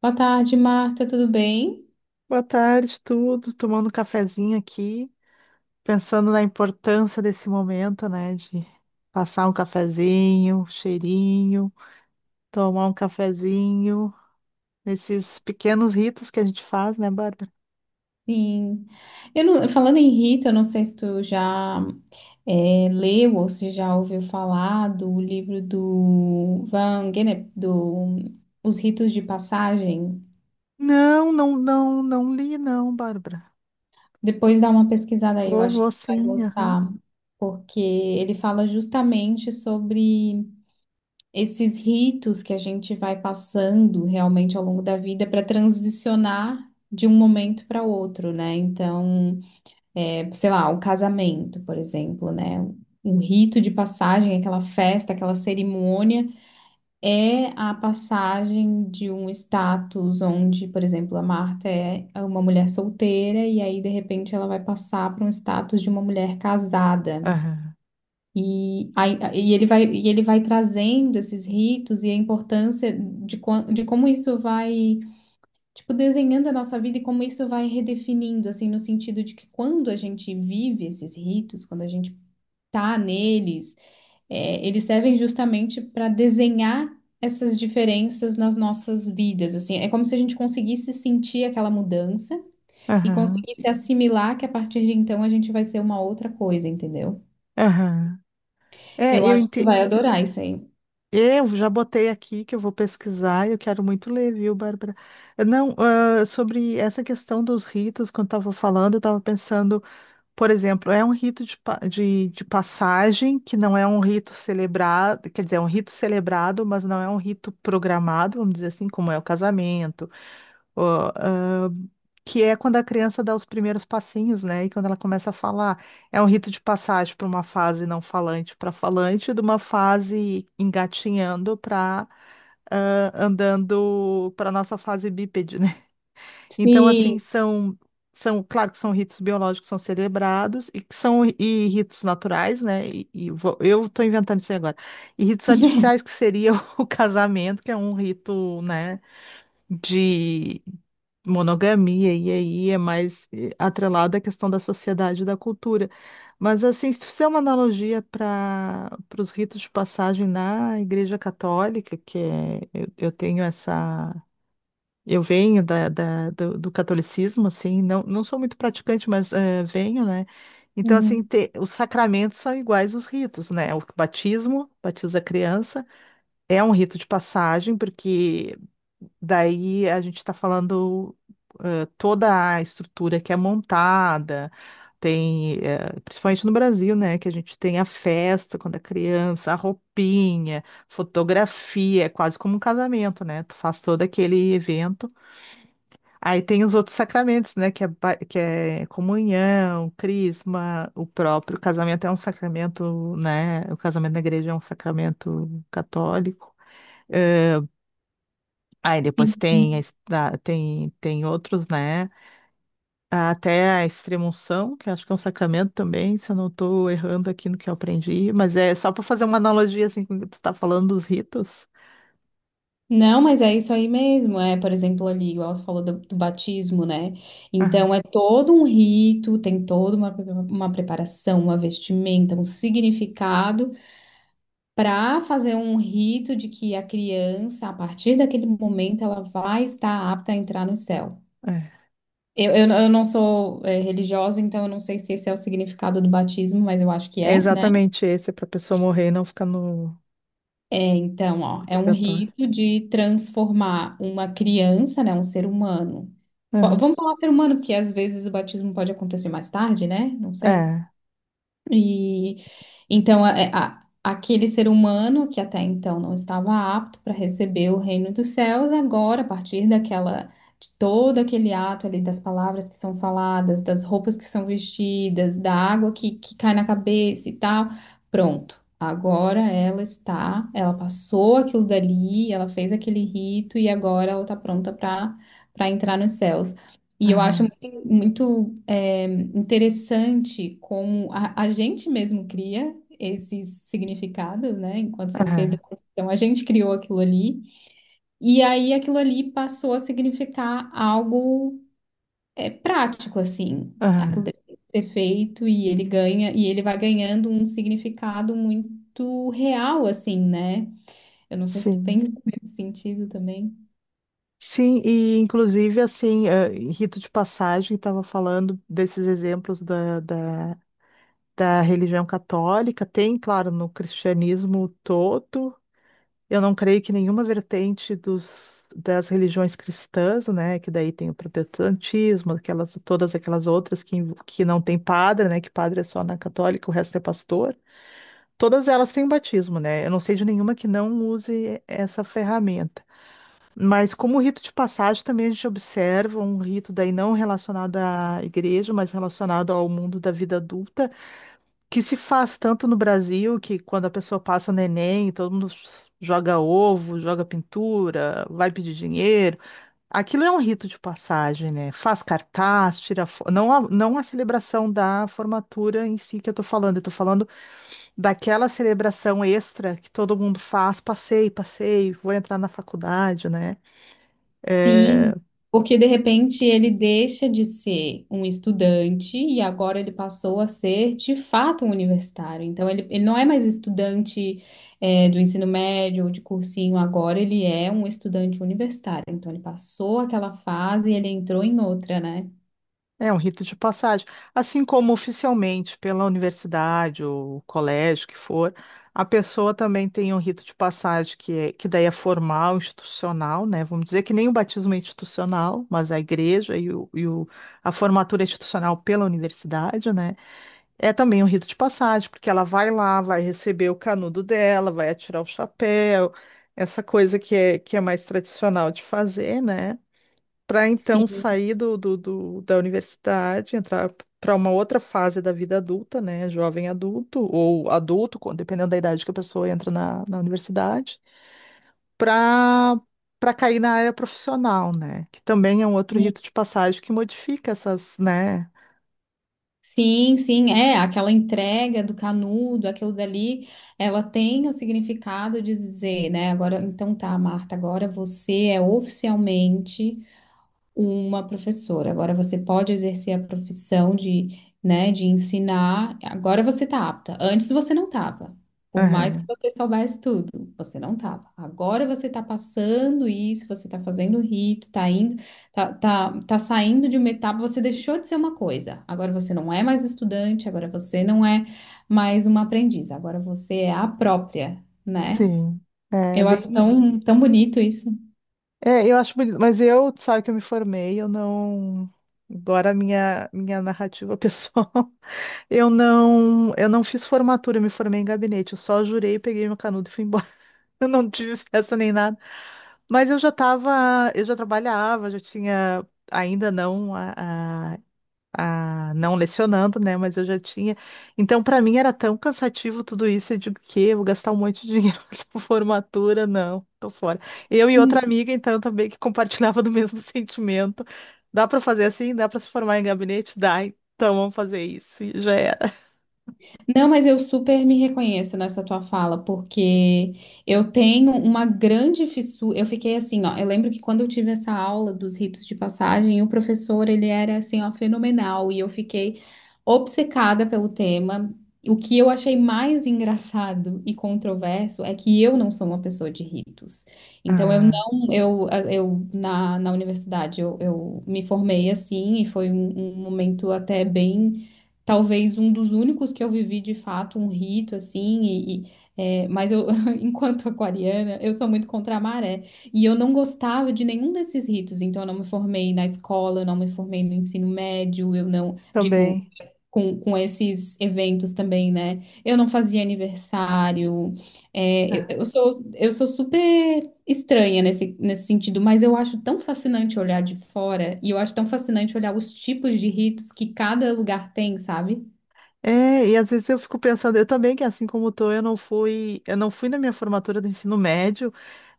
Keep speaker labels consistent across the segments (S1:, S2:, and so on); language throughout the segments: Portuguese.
S1: Boa tarde, Marta, tudo bem?
S2: Boa tarde, tudo. Tomando um cafezinho aqui, pensando na importância desse momento, né? De passar um cafezinho, um cheirinho, tomar um cafezinho, esses pequenos ritos que a gente faz, né, Bárbara?
S1: Sim. Eu não- Falando em Rita, eu não sei se tu já leu ou se já ouviu falar do livro do Van Gennep, do Os Ritos de Passagem.
S2: Não, não, li, não, Bárbara.
S1: Depois dá uma pesquisada aí, eu
S2: Vou,
S1: acho
S2: vou
S1: que vai
S2: sim, aham.
S1: gostar, porque ele fala justamente sobre esses ritos que a gente vai passando realmente ao longo da vida para transicionar de um momento para outro, né? Sei lá, o casamento, por exemplo, né? Um rito de passagem, aquela festa, aquela cerimônia, é a passagem de um status onde, por exemplo, a Marta é uma mulher solteira e aí, de repente, ela vai passar para um status de uma mulher casada.
S2: Aham,
S1: E ele vai trazendo esses ritos e a importância de como isso vai tipo, desenhando a nossa vida e como isso vai redefinindo, assim, no sentido de que quando a gente vive esses ritos, quando a gente tá neles, eles servem justamente para desenhar essas diferenças nas nossas vidas, assim, é como se a gente conseguisse sentir aquela mudança e
S2: aham,
S1: conseguisse assimilar que a partir de então a gente vai ser uma outra coisa, entendeu?
S2: aham. É,
S1: Eu acho que tu vai adorar isso aí.
S2: Eu já botei aqui que eu vou pesquisar, eu quero muito ler, viu, Bárbara? Não, ah, sobre essa questão dos ritos, quando estava falando, eu estava pensando, por exemplo, é um rito de passagem, que não é um rito celebrado, quer dizer, é um rito celebrado, mas não é um rito programado, vamos dizer assim, como é o casamento, que é quando a criança dá os primeiros passinhos, né? E quando ela começa a falar, é um rito de passagem para uma fase não falante para falante, de uma fase engatinhando para andando, para nossa fase bípede, né? Então, assim,
S1: Sim.
S2: são, claro que são ritos biológicos que são celebrados e que são e ritos naturais, né? E eu estou inventando isso aí agora. E ritos artificiais que seria o casamento, que é um rito, né? De monogamia, e aí é mais atrelado à questão da sociedade e da cultura. Mas, assim, se fizer uma analogia para os ritos de passagem na Igreja Católica, que é, eu tenho essa. Eu venho do catolicismo, assim, não, não sou muito praticante, mas venho, né? Então, assim,
S1: Uhum.
S2: os sacramentos são iguais os ritos, né? O batismo, batiza a criança. É um rito de passagem, porque daí a gente está falando toda a estrutura que é montada, tem, principalmente no Brasil, né, que a gente tem a festa quando é criança, a roupinha, fotografia, é quase como um casamento, né? Tu faz todo aquele evento. Aí tem os outros sacramentos, né, que é comunhão, crisma, o próprio casamento é um sacramento, né? O casamento na igreja é um sacramento católico. Eh, Aí depois tem, a
S1: Sim.
S2: es- da- tem, tem outros, né? Até a extrema-unção, que acho que é um sacramento também, se eu não estou errando aqui no que eu aprendi, mas é só para fazer uma analogia assim, quando tu está falando dos ritos.
S1: Não, mas é isso aí mesmo. É, por exemplo, ali, igual você falou do batismo, né?
S2: Aham,
S1: Então é todo um rito, tem toda uma preparação, uma vestimenta, um significado para fazer um rito de que a criança, a partir daquele momento, ela vai estar apta a entrar no céu.
S2: é,
S1: Eu não sou, religiosa, então eu não sei se esse é o significado do batismo, mas eu acho que
S2: é
S1: é, né?
S2: exatamente esse, para a pessoa morrer e não ficar
S1: É, então, ó,
S2: no
S1: é um
S2: purgatório.
S1: rito de transformar uma criança, né, um ser humano.
S2: Aham,
S1: Vamos falar ser humano, porque às vezes o batismo pode acontecer mais tarde, né? Não sei.
S2: é,
S1: E então aquele ser humano que até então não estava apto para receber o reino dos céus, agora, a partir daquela de todo aquele ato ali das palavras que são faladas, das roupas que são vestidas, da água que cai na cabeça e tal, pronto. Agora ela está, ela passou aquilo dali, ela fez aquele rito e agora ela está pronta para entrar nos céus. E eu
S2: aham,
S1: acho muito, muito, interessante como a gente mesmo cria esses significados, né, enquanto
S2: aham,
S1: sociedade. Então, a gente criou aquilo ali, e aí aquilo ali passou a significar algo prático, assim. Aquilo
S2: aham,
S1: deve ser feito e ele ganha, e ele vai ganhando um significado muito real, assim, né? Eu não sei se tu
S2: sim.
S1: pensa nesse sentido também.
S2: Sim, e inclusive assim, em rito de passagem, estava falando desses exemplos da religião católica, tem, claro, no cristianismo todo. Eu não creio que nenhuma vertente das religiões cristãs, né, que daí tem o protestantismo, aquelas, todas aquelas outras que não tem padre, né, que padre é só na católica, o resto é pastor. Todas elas têm batismo, né? Eu não sei de nenhuma que não use essa ferramenta. Mas como rito de passagem, também a gente observa um rito daí não relacionado à igreja, mas relacionado ao mundo da vida adulta, que se faz tanto no Brasil, que quando a pessoa passa o neném, todo mundo joga ovo, joga pintura, vai pedir dinheiro. Aquilo é um rito de passagem, né? Faz cartaz, tira foto. Não a celebração da formatura em si que eu tô falando daquela celebração extra que todo mundo faz, passei, passei, vou entrar na faculdade, né? É,
S1: Sim, porque de repente ele deixa de ser um estudante e agora ele passou a ser de fato um universitário. Então ele não é mais estudante do ensino médio ou de cursinho, agora ele é um estudante universitário. Então ele passou aquela fase e ele entrou em outra, né?
S2: é um rito de passagem. Assim como oficialmente pela universidade ou colégio que for, a pessoa também tem um rito de passagem que, é, que daí é formal, institucional, né? Vamos dizer que nem o batismo é institucional, mas a igreja e a formatura é institucional pela universidade, né? É também um rito de passagem, porque ela vai lá, vai receber o canudo dela, vai atirar o chapéu, essa coisa que é mais tradicional de fazer, né? Para então
S1: Sim.
S2: sair da universidade, entrar para uma outra fase da vida adulta, né? Jovem adulto ou adulto, dependendo da idade que a pessoa entra na universidade, para para cair na área profissional, né? Que também é um outro rito de passagem que modifica essas, né?
S1: Sim, sim, é aquela entrega do canudo, aquilo dali, ela tem o significado de dizer, né? Agora, então tá, Marta, agora você é oficialmente uma professora. Agora você pode exercer a profissão de, né, de ensinar. Agora você tá apta. Antes você não tava. Por mais que
S2: Aham,
S1: você soubesse tudo, você não tava. Agora você tá passando isso, você tá fazendo o rito, tá indo, tá saindo de uma etapa, você deixou de ser uma coisa. Agora você não é mais estudante, agora você não é mais uma aprendiz, agora você é a própria, né?
S2: sim, é
S1: Eu
S2: bem
S1: acho
S2: isso.
S1: tão, tão bonito isso.
S2: É, eu acho bonito, mas eu, tu sabe que eu me formei, eu não. Agora a minha narrativa pessoal. Eu não fiz formatura, eu me formei em gabinete. Eu só jurei, peguei meu canudo e fui embora. Eu não tive festa nem nada. Mas eu já estava, eu já trabalhava, já tinha, ainda não lecionando, né? Mas eu já tinha. Então, para mim era tão cansativo tudo isso. Eu digo, que vou gastar um monte de dinheiro nessa formatura? Não, tô fora. Eu e outra amiga, então, também que compartilhava do mesmo sentimento. Dá para fazer assim? Dá para se formar em gabinete? Dá. Então vamos fazer isso. E já era.
S1: Não, mas eu super me reconheço nessa tua fala, porque eu tenho uma grande fissura. Eu fiquei assim, ó. Eu lembro que quando eu tive essa aula dos ritos de passagem, o professor, ele era assim, ó, fenomenal, e eu fiquei obcecada pelo tema. O que eu achei mais engraçado e controverso é que eu não sou uma pessoa de ritos. Então, eu
S2: Ah,
S1: não, eu na, na universidade, eu me formei assim, e foi um um momento até bem. Talvez um dos únicos que eu vivi de fato um rito assim, mas eu, enquanto aquariana, eu sou muito contra a maré. E eu não gostava de nenhum desses ritos, então eu não me formei na escola, eu não me formei no ensino médio, eu não, digo,
S2: também.
S1: com esses eventos também, né? Eu não fazia aniversário,
S2: Ah,
S1: eu sou super estranha nesse sentido, mas eu acho tão fascinante olhar de fora, e eu acho tão fascinante olhar os tipos de ritos que cada lugar tem, sabe?
S2: é, e às vezes eu fico pensando, eu também, que assim como tô, eu não fui na minha formatura do ensino médio,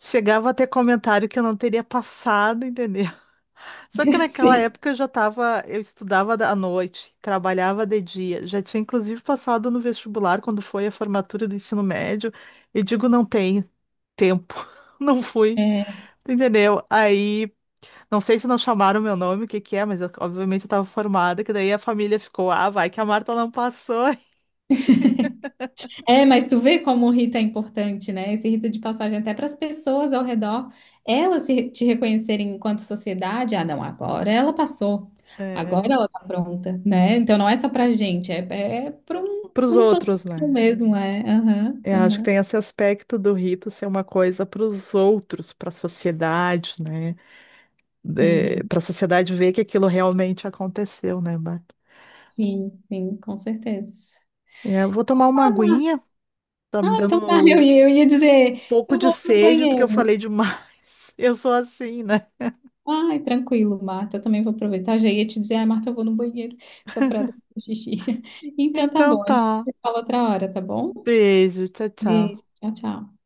S2: chegava a ter comentário que eu não teria passado, entendeu? Só que naquela
S1: Sim.
S2: época eu já tava, eu estudava à noite, trabalhava de dia, já tinha inclusive passado no vestibular quando foi a formatura do ensino médio, e digo, não tem tempo, não fui,
S1: É.
S2: entendeu? Aí, não sei se não chamaram meu nome, o que que é, obviamente eu tava formada, que daí a família ficou, ah, vai que a Marta não passou.
S1: É, mas tu vê como o rito é importante, né? Esse rito de passagem até para as pessoas ao redor, elas se, te reconhecerem enquanto sociedade, ah, não, agora ela passou, agora
S2: É,
S1: ela tá pronta, né? Então não é só pra gente, é
S2: pros
S1: pra um social
S2: outros, né?
S1: mesmo, é. Aham,
S2: Eu acho que
S1: aham.
S2: tem esse aspecto do rito ser uma coisa pros outros, pra sociedade, né? É,
S1: Uhum.
S2: pra sociedade ver que aquilo realmente aconteceu, né, Marta?
S1: Sim, sim, com certeza.
S2: É, eu vou tomar uma aguinha, tá me
S1: Ah,
S2: dando
S1: então tá,
S2: um
S1: eu ia dizer,
S2: pouco
S1: eu
S2: de
S1: vou no
S2: sede, porque eu
S1: banheiro.
S2: falei demais. Eu sou assim, né?
S1: Ai, tranquilo, Marta. Eu também vou aproveitar. Já ia te dizer, ai, Marta, eu vou no banheiro. Tô parada com xixi. Então tá
S2: Então
S1: bom, a gente
S2: tá.
S1: se fala outra hora, tá bom?
S2: Beijo, tchau, tchau.
S1: Beijo, tchau, tchau.